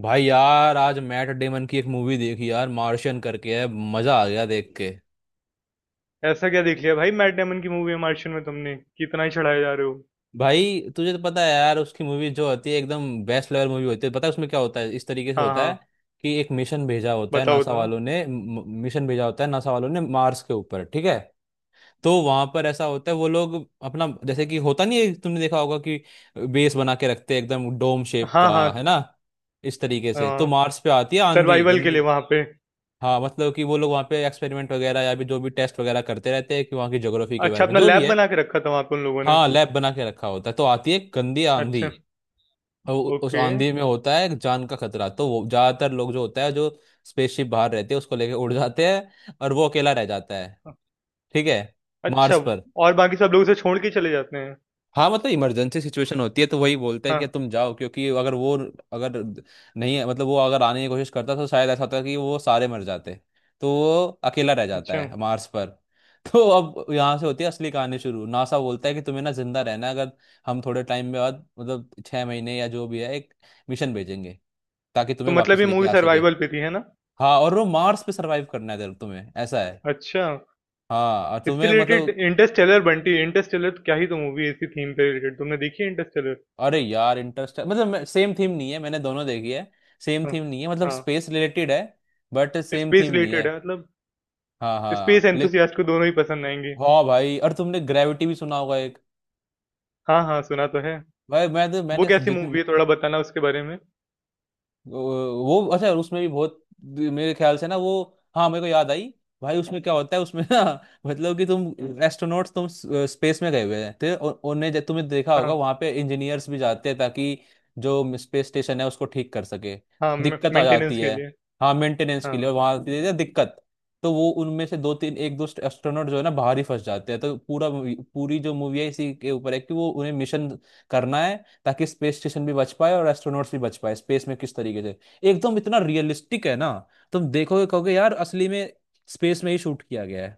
भाई यार, आज मैट डेमन की एक मूवी देखी यार, मार्शियन करके है। मजा आ गया देख के। ऐसा क्या देख लिया भाई? मैट डेमन की मूवी है मार्शियन में तुमने कि इतना ही चढ़ाए जा रहे हो। भाई तुझे तो पता है यार, उसकी मूवी जो होती है एकदम बेस्ट लेवल मूवी होती है। पता है उसमें क्या होता है? इस तरीके से हाँ, होता है हाँ। कि एक मिशन भेजा होता है बताओ नासा तो। वालों ने, म- मिशन भेजा होता है नासा वालों ने मार्स के ऊपर। ठीक है। तो वहां पर ऐसा होता है, वो लोग अपना जैसे कि होता नहीं है? तुमने देखा होगा कि बेस बना के रखते हैं एकदम डोम शेप हाँ, का, है हाँ। ना। इस तरीके से। तो हाँ, मार्स पे आती है आंधी सर्वाइवल के लिए गंदी। वहां पे। हाँ, मतलब कि वो लोग वहाँ पे एक्सपेरिमेंट वगैरह या भी जो भी टेस्ट वगैरह करते रहते हैं कि वहाँ की ज्योग्राफी के अच्छा, बारे में अपना जो भी लैब है। बना के रखा था वहां पे उन लोगों ने। हाँ, लैब बना के रखा होता है, तो आती है गंदी आंधी। अच्छा। और उस ओके। आंधी में होता है जान का खतरा। तो वो ज्यादातर लोग जो होता है, जो स्पेसशिप बाहर रहते हैं उसको लेके उड़ जाते हैं, और वो अकेला रह जाता है। ठीक है। अच्छा। मार्स पर। और बाकी सब लोग उसे छोड़ के चले जाते हैं? हाँ, मतलब इमरजेंसी सिचुएशन होती है, तो वही बोलते हैं कि हाँ। तुम जाओ। क्योंकि अगर वो, अगर, नहीं मतलब वो अगर आने की कोशिश करता तो शायद ऐसा होता कि वो सारे मर जाते। तो वो अकेला रह जाता अच्छा। है मार्स पर। तो अब यहाँ से होती है असली कहानी शुरू। नासा बोलता है कि तुम्हें ना जिंदा रहना है, अगर हम थोड़े टाइम में बाद, मतलब 6 महीने या जो भी है, एक मिशन भेजेंगे ताकि तो तुम्हें मतलब वापस ये लेके मूवी आ सके। सर्वाइवल पे थी, है ना? हाँ, और वो मार्स पे सरवाइव करना है तुम्हें, ऐसा है। अच्छा, हाँ, और इससे तुम्हें रिलेटेड मतलब। इंटरस्टेलर बंटी, इंटरस्टेलर तो क्या ही तो मूवी है इसी थीम पे रिलेटेड। तुमने देखी है इंटरस्टेलर? अरे यार, इंटरेस्ट मतलब सेम थीम नहीं है, मैंने दोनों देखी है। सेम हाँ, थीम नहीं है, मतलब हाँ। स्पेस रिलेटेड है। बट सेम स्पेस थीम नहीं है। रिलेटेड है मतलब। हाँ स्पेस हाँ, ले। एंथुसियास्ट को दोनों ही पसंद आएंगे। हाँ भाई, और तुमने ग्रेविटी भी सुना होगा, एक। हाँ, हाँ, सुना तो है। भाई मैं तो, वो मैंने कैसी जितनी। मूवी है, थोड़ा बताना उसके बारे में? अच्छा, उसमें भी बहुत, मेरे ख्याल से ना, वो। हाँ, मेरे को याद आई। भाई उसमें क्या होता है, उसमें ना मतलब कि तुम, एस्ट्रोनॉट्स, तुम स्पेस में गए हुए हैं, तो उन्हें, जब तुम्हें देखा होगा, हाँ। वहां पे इंजीनियर्स भी जाते हैं ताकि जो स्पेस स्टेशन है उसको ठीक कर सके। हाँ, तो मे दिक्कत आ मेंटेनेंस जाती के है। लिए। हाँ, मेंटेनेंस के लिए, हाँ। और वहां दे दे दिक्कत। तो वो उनमें से दो तीन, एक दो एस्ट्रोनॉट जो है ना, बाहर ही फंस जाते हैं। तो पूरी जो मूवी है इसी के ऊपर है कि वो उन्हें मिशन करना है, ताकि स्पेस स्टेशन भी बच पाए और एस्ट्रोनॉट्स भी बच पाए स्पेस में, किस तरीके से। एकदम इतना रियलिस्टिक है ना, तुम देखोगे कहोगे यार, असली में स्पेस में ही शूट किया गया है।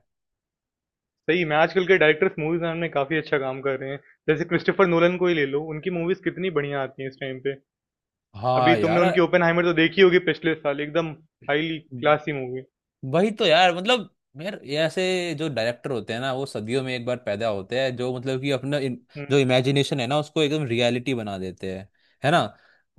सही में आजकल के डायरेक्टर्स मूवीज बनाने में काफी अच्छा काम कर रहे हैं। जैसे क्रिस्टोफर नोलन को ही ले लो, उनकी मूवीज कितनी बढ़िया आती हैं इस टाइम पे। अभी हाँ तुमने यार, उनकी ओपेनहाइमर तो देखी होगी पिछले साल, एकदम हाईली क्लासी मूवी। वही तो यार, मतलब। यार ये ऐसे जो डायरेक्टर होते हैं ना, वो सदियों में एक बार पैदा होते हैं, जो मतलब कि अपना जो हम्म। इमेजिनेशन है ना, उसको एकदम रियलिटी बना देते हैं, है ना,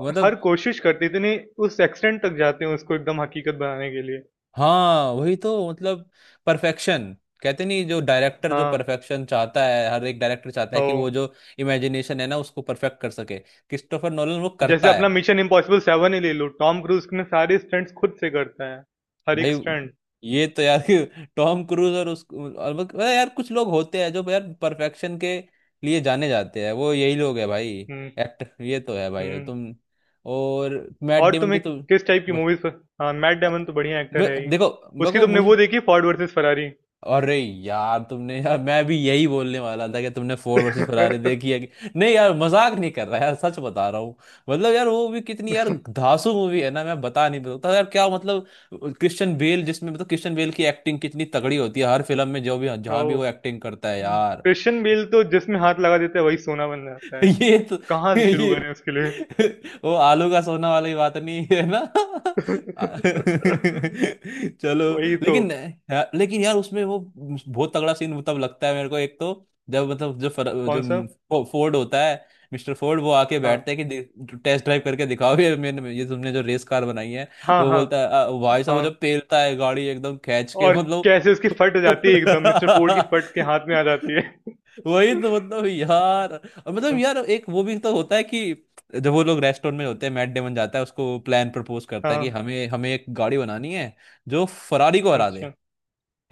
और मतलब। हर कोशिश करते इतने उस एक्सटेंट तक जाते हैं उसको एकदम हकीकत बनाने के लिए। हाँ वही तो मतलब, परफेक्शन। कहते नहीं? जो डायरेक्टर जो हाँ, परफेक्शन चाहता है, हर एक डायरेक्टर चाहता है हो। कि वो जो इमेजिनेशन है ना उसको परफेक्ट कर सके। क्रिस्टोफर नोलन वो जैसे करता है। अपना मिशन इम्पॉसिबल 7 ही ले लो, टॉम क्रूज ने सारे स्टंट्स खुद से करता है, हर भाई, एक स्टंट। ये तो यार। टॉम क्रूज और अरे यार, कुछ लोग होते हैं जो यार परफेक्शन के लिए जाने जाते हैं, वो यही लोग है भाई। हम्म। एक्टर ये तो है भाई, हम्म। तुम। और मैट और डेमन की तुम्हें तो, किस टाइप की बस- मूवीज़ प। हाँ, मैट डेमन तो बढ़िया एक्टर है ही। देखो, मेरे उसकी को, तुमने मुझे। वो देखी फोर्ड वर्सेस फरारी? अरे यार, तुमने यार, मैं भी यही बोलने वाला था कि तुमने फोर्ड वर्सेस फरारी देखी है कि नहीं। यार मजाक नहीं कर रहा यार, सच बता रहा हूँ। मतलब यार, वो भी कितनी यार धांसू मूवी है ना, मैं बता नहीं सकता यार, क्या मतलब। क्रिश्चियन बेल जिसमें, मतलब क्रिश्चियन बेल की एक्टिंग कितनी तगड़ी होती है हर फिल्म में, जो भी जहाँ भी वो ओह! एक्टिंग करता है यार। क्रिश्चियन बेल तो जिसमें हाथ लगा देता है वही सोना बन जाता है। ये तो, कहाँ से शुरू ये करें उसके लिए? वो आलू का सोना वाली बात नहीं है ना। चलो, वही तो। लेकिन लेकिन यार उसमें वो बहुत तगड़ा सीन तब लगता है मेरे को, एक तो जब मतलब जो फर, जो कौन-सा? फो, फोर्ड होता है, मिस्टर फोर्ड वो आके हाँ। बैठते हैं कि टेस्ट ड्राइव करके दिखाओ ये, मैंने ये तुमने जो रेस कार बनाई है। हाँ, वो हाँ, बोलता है, "आ, भाई साहब वो हाँ। जब पेलता है गाड़ी एकदम खींच के, और मतलब।" कैसे उसकी फट जाती है एकदम मिस्टर फोर्ड की फट के हाथ में आ जाती है। वही तो मतलब यार, और मतलब हुँ। यार, एक वो भी तो होता है कि जब वो लोग रेस्टोरेंट में होते हैं, मैट डेमन जाता है, उसको प्लान प्रपोज करता है हाँ। कि हमें हमें एक गाड़ी बनानी है जो फरारी को हरा दे, अच्छा।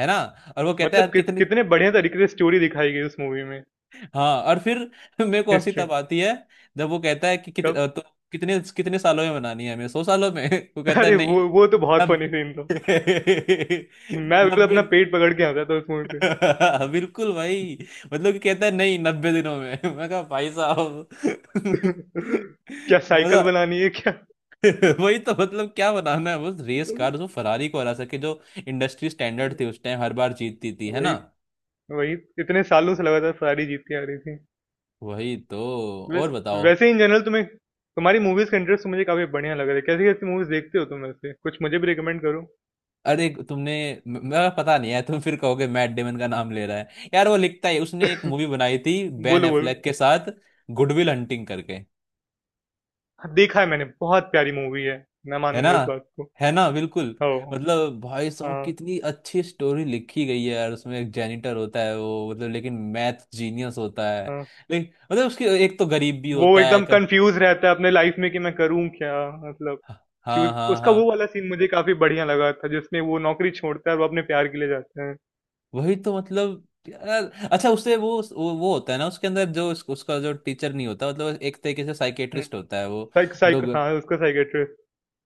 है ना। और वो कहता मतलब है कि कितनी। कितने बढ़िया तरीके से स्टोरी दिखाई गई उस मूवी में। हाँ, और फिर मेरे को हंसी हिस्ट्री। तब आती है जब वो कहता है कि कब? कितने कितने सालों में बनानी है? हमें 100 सालों में? वो कहता है अरे वो नहीं, वो तो बहुत नब फनी सीन था। मैं बिल्कुल 90। अपना पेट पकड़ के हंसा था उस मूवी बिल्कुल भाई, मतलब कि कहता है नहीं, 90 दिनों में। मैं कहा भाई साहब, पे। क्या साइकिल मजा। बनानी है क्या? वही तो मतलब, क्या बनाना है बस, रेस कार जो फरारी को हरा सके, जो इंडस्ट्री स्टैंडर्ड थी उस टाइम, हर बार जीतती थी, है वही। ना। वही। इतने सालों से लगातार सारी जीतती आ रही थी। वही तो। वैस, और बताओ। वैसे इन जनरल तुम्हें तुम्हारी मूवीज का इंटरेस्ट मुझे काफी बढ़िया लग रहा है। कैसी कैसी मूवीज देखते हो तुम? वैसे कुछ मुझे भी रिकमेंड करो। अरे तुमने, मेरा पता नहीं है, तुम फिर कहोगे मैट डेमन का नाम ले रहा है यार, वो लिखता है, उसने एक मूवी बनाई थी बेन बोलो बोलो। एफ्लेक के साथ, गुडविल हंटिंग करके। हाँ, देखा है मैंने। बहुत प्यारी मूवी है, मैं है ना, मानूंगा इस बात को। है ना, बिल्कुल। ओ। मतलब भाई साहब, हाँ। कितनी अच्छी स्टोरी लिखी गई है यार। उसमें एक जेनिटर होता है वो, मतलब लेकिन मैथ जीनियस होता है। हाँ। लेकिन मतलब उसकी एक तो, गरीब भी वो होता है, एकदम कंफ्यूज रहता है अपने लाइफ में कि मैं करूँ क्या। मतलब हाँ चूज। हाँ उसका हाँ। वो वाला सीन मुझे काफी बढ़िया लगा था जिसमें वो नौकरी छोड़ता है और वो अपने प्यार के लिए जाता है। वही तो मतलब यार। अच्छा उससे वो, वो होता है ना उसके अंदर जो, उसका जो टीचर नहीं होता, मतलब एक तरीके से हम्म। साइकेट्रिस्ट होता है वो, साइक जो साइक हाँ, उसका साइकेट्रिस्ट।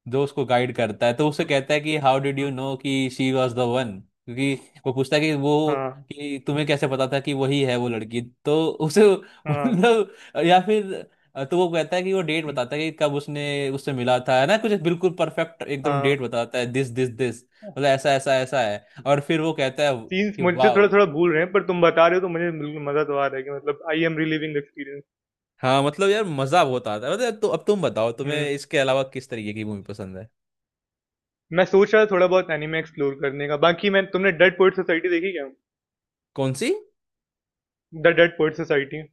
जो उसको गाइड करता है। तो उससे कहता है कि, "हाउ डिड यू नो कि शी वॉज द वन?" क्योंकि वो पूछता है कि वो, हाँ। कि तुम्हें कैसे पता था कि वही है वो लड़की, तो उसे हाँ। मतलब, या फिर, तो वो कहता है कि वो डेट हम्म। बताता है कि कब उसने उससे मिला था, है ना, कुछ बिल्कुल परफेक्ट एकदम हाँ। डेट बताता है, दिस दिस दिस, मतलब ऐसा ऐसा ऐसा है, और फिर वो कहता है सीन्स कि मुझसे वाह। थोड़ा थोड़ा भूल रहे हैं पर तुम बता रहे हो तो मुझे बिल्कुल मजा तो आ रहा है, कि मतलब आई एम रिलीविंग एक्सपीरियंस। हाँ मतलब यार, मजा बहुत आता है मतलब। तो अब तुम बताओ, हम्म। तुम्हें इसके अलावा किस तरीके की मूवी पसंद है? मैं सोच रहा था थोड़ा बहुत एनिमे एक्सप्लोर करने का। बाकी मैं तुमने डेड पोएट सोसाइटी देखी क्या? कौन सी? The dead poet society.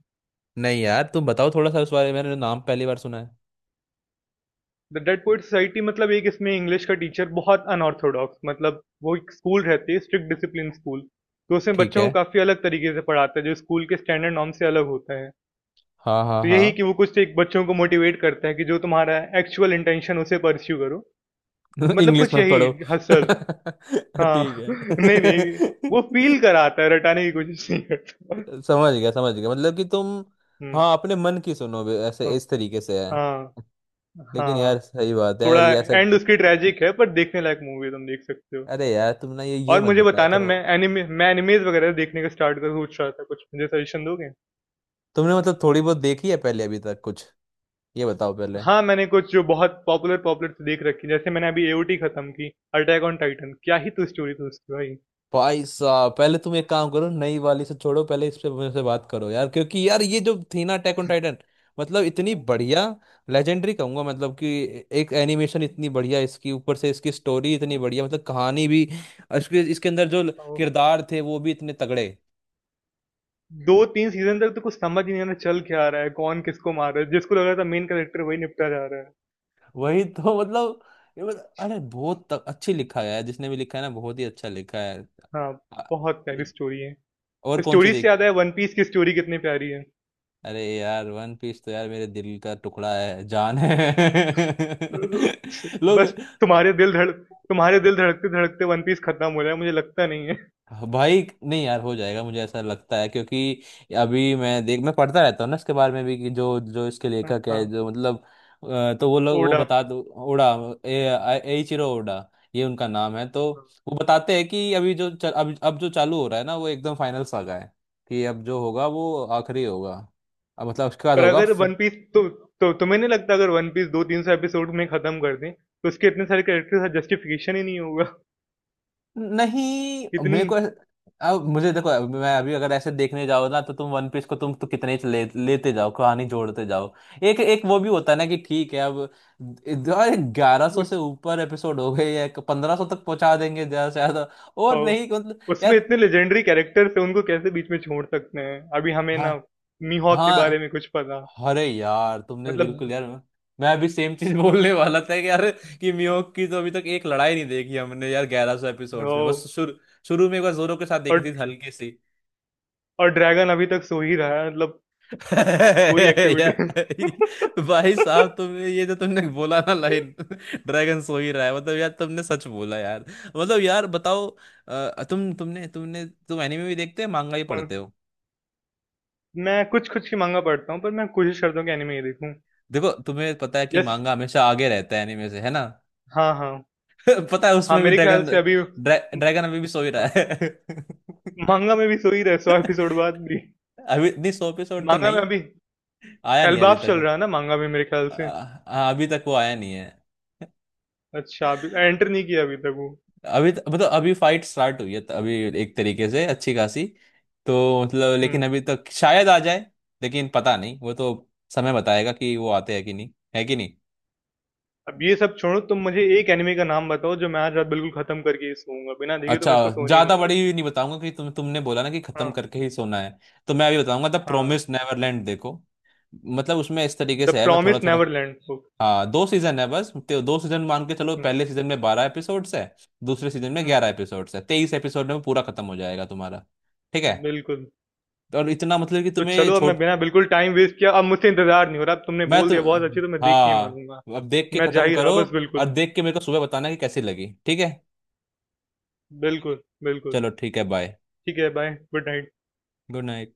नहीं यार, तुम बताओ थोड़ा सा उस बारे में, मैंने नाम पहली बार सुना है। द डेड पोएट सोसाइटी मतलब एक इसमें इंग्लिश का टीचर बहुत अनऑर्थोडॉक्स, मतलब वो एक स्कूल रहती है स्ट्रिक्ट डिसिप्लिन स्कूल। तो उसमें ठीक बच्चों है। को काफ़ी अलग तरीके से पढ़ाता है जो स्कूल के स्टैंडर्ड नॉर्म से अलग होता है। हाँ हाँ तो हाँ। यही कि वो कुछ एक बच्चों को मोटिवेट करता है कि जो तुम्हारा एक्चुअल इंटेंशन उसे परस्यू करो। मतलब इंग्लिश कुछ मत यही। पढ़ो। हसल। ठीक हाँ। नहीं, है। नहीं, वो फील कराता है, रटाने की कोशिश नहीं करता। समझ गया समझ गया, मतलब कि तुम। हम्म। हाँ, अपने मन की सुनो, ऐसे, हाँ। इस तरीके से है। हाँ। लेकिन हाँ, यार सही बात है यार, थोड़ा ये ऐसा। एंड उसकी ट्रेजिक है पर देखने लायक मूवी है, तुम देख सकते हो। अरे यार तुम ना, ये और मत मुझे बताया बताना। करो। मैं एनिमे मैं एनिमेज़ वगैरह देखने का स्टार्ट करूँ सोच रहा था, कुछ मुझे सजेशन दोगे? तुमने मतलब थोड़ी बहुत देखी है पहले, अभी तक कुछ? ये बताओ पहले। हाँ, मैंने कुछ जो बहुत पॉपुलर पॉपुलर तो देख रखी। जैसे मैंने अभी एओटी खत्म की। अटैक ऑन टाइटन, क्या ही तो स्टोरी थी उसकी भाई। भाई साहब, पहले तुम एक काम करो, नई वाली से छोड़ो, पहले इस पे मेरे से बात करो यार। क्योंकि यार, ये जो थी ना अटैक ऑन टाइटन, मतलब इतनी बढ़िया, लेजेंडरी कहूंगा, मतलब कि एक एनिमेशन इतनी बढ़िया इसकी, ऊपर से इसकी स्टोरी इतनी बढ़िया, मतलब कहानी भी, इसके इसके अंदर जो ओ। किरदार थे वो भी इतने तगड़े। 2-3 सीज़न तक तो कुछ समझ ही नहीं आ रहा चल क्या आ रहा है, कौन किसको मार रहा है, जिसको लग रहा था मेन कैरेक्टर वही निपटा जा रहा है। वही तो मतलब, अरे बहुत अच्छी लिखा है यार, जिसने भी लिखा है ना, बहुत ही अच्छा लिखा है। हाँ, आ- बहुत प्यारी स्टोरी है। और कौन सी स्टोरी से याद देखी है? आया वन पीस की स्टोरी कितनी प्यारी है। अरे यार, वन पीस तो यार मेरे दिल का टुकड़ा है, जान है। लोग। बस। तुम्हारे दिल धड़कते-धड़कते वन पीस खत्म हो रहा है मुझे लगता नहीं है। भाई नहीं यार, हो जाएगा, मुझे ऐसा लगता है क्योंकि अभी मैं पढ़ता रहता हूँ ना इसके बारे में भी, कि जो जो इसके हाँ, लेखक है, हाँ। जो मतलब, तो वो लोग वो, ओडा। बता दो, ओडा। ए एइचिरो ओडा, ये उनका नाम है। तो पर वो बताते हैं कि अब जो चालू हो रहा है ना, वो एकदम फाइनल सागा है, कि अब जो होगा वो आखिरी होगा। अब मतलब उसके बाद होगा। अगर वन पीस तो तुम्हें नहीं लगता अगर वन पीस 2-3 सौ एपिसोड में खत्म कर दें तो उसके इतने सारे कैरेक्टर्स का जस्टिफिकेशन ही नहीं होगा? नहीं इतनी मेरे को अब मुझे देखो, अब मैं अभी अगर ऐसे देखने जाओ ना, तो तुम वन पीस को, तुम तो कितने ही लेते जाओ, कहानी जोड़ते जाओ। एक एक वो भी होता है ना, कि ठीक है, अब 1100 से उस ऊपर एपिसोड हो गए, या 1500 तक पहुंचा देंगे ज्यादा से ज्यादा। ओ, और नहीं, मतलब उसमें यार। इतने लेजेंडरी कैरेक्टर्स हैं उनको कैसे बीच में छोड़ सकते हैं अभी। हमें हाँ ना मीहॉक के बारे हाँ। में कुछ पता? अरे यार, तुमने बिल्कुल मतलब यार, मैं अभी सेम चीज बोलने वाला था कि यार, कि मियोक की तो अभी तक एक लड़ाई नहीं देखी हमने यार, 1100 ओ, एपिसोड्स में, बस शुरू, शुरू में एक बार जोरो के साथ देखी और थी हल्की सी। और ड्रैगन अभी तक सो ही रहा है मतलब। कोई या, एक्टिविटी। भाई साहब, तुमने ये जो तुमने बोला ना लाइन, ड्रैगन सो ही रहा है, मतलब यार तुमने सच बोला यार। मतलब यार बताओ। तुम तुमने तुमने तुम एनीमे भी देखते हो, मांगा ही कौन- पढ़ते हो? मैं कुछ कुछ ही मांगा पढ़ता हूँ पर मैं कोशिश करता हूँ कि एनिमे ही देखूँ। देखो, तुम्हें पता है कि यस। मांगा हमेशा आगे रहता है एनीमे से, है ना। हाँ, हाँ। पता है, हाँ, उसमें भी मेरे ख़्याल ड्रैगन, से अभी। हाँ, ड्रैगन अभी भी सो ही रहा है। माँगा में भी सो ही रहे 100 एपिसोड बाद भी। अभी नहीं, 100 एपिसोड तो माँगा में नहीं अभी आया नहीं अभी एल्बाफ चल तक। रहा है ना माँगा में मेरे ख़्याल आ, से? आ, अभी तक वो आया नहीं है। अच्छा, अभी एंटर नहीं किया अभी तक वो। अभी मतलब अभी फाइट स्टार्ट हुई है अभी, एक तरीके से अच्छी खासी। तो मतलब, हुँ। लेकिन अभी तक शायद आ जाए। लेकिन पता नहीं, वो तो समय बताएगा कि वो आते हैं कि नहीं, है कि नहीं। अब ये सब छोड़ो तुम मुझे एक एनीमे का नाम बताओ जो मैं आज रात बिल्कुल ख़त्म करके ही सोऊँगा। बिना देखे तो अच्छा, मैं इसको सोने ही नहीं ज्यादा बड़ी वाला भी नहीं बताऊंगा कि तुम, तुमने बोला ना कि हूँ। खत्म हाँ, करके ही सोना है। तो मैं अभी बताऊंगा, द हाँ। प्रोमिस नेवरलैंड देखो। मतलब उसमें इस तरीके द से है, मैं थोड़ा प्रॉमिस थोड़ा। Neverland book. हाँ, दो सीजन है बस, तो दो सीजन मान के चलो। हुँ। पहले सीजन में 12 एपिसोड्स है, दूसरे सीजन में हुँ। 11 एपिसोड्स है। 23 एपिसोड में पूरा खत्म हो जाएगा तुम्हारा। ठीक है। बिल्कुल। और इतना मतलब कि तो तुम्हें चलो अब मैं छोट बिना बिल्कुल टाइम वेस्ट किया अब मुझसे इंतज़ार नहीं हो रहा। अब तुमने मैं बोल तो, दिया बहुत अच्छी तो मैं देख के ही मानूँगा। हाँ, अब देख के मैं जा खत्म ही करो। रहा बस और बिल्कुल। देख के मेरे को सुबह बताना कि कैसी लगी, ठीक है। बिल्कुल, बिल्कुल। चलो ठीक है, बाय, ठीक है bye, good night. Good night.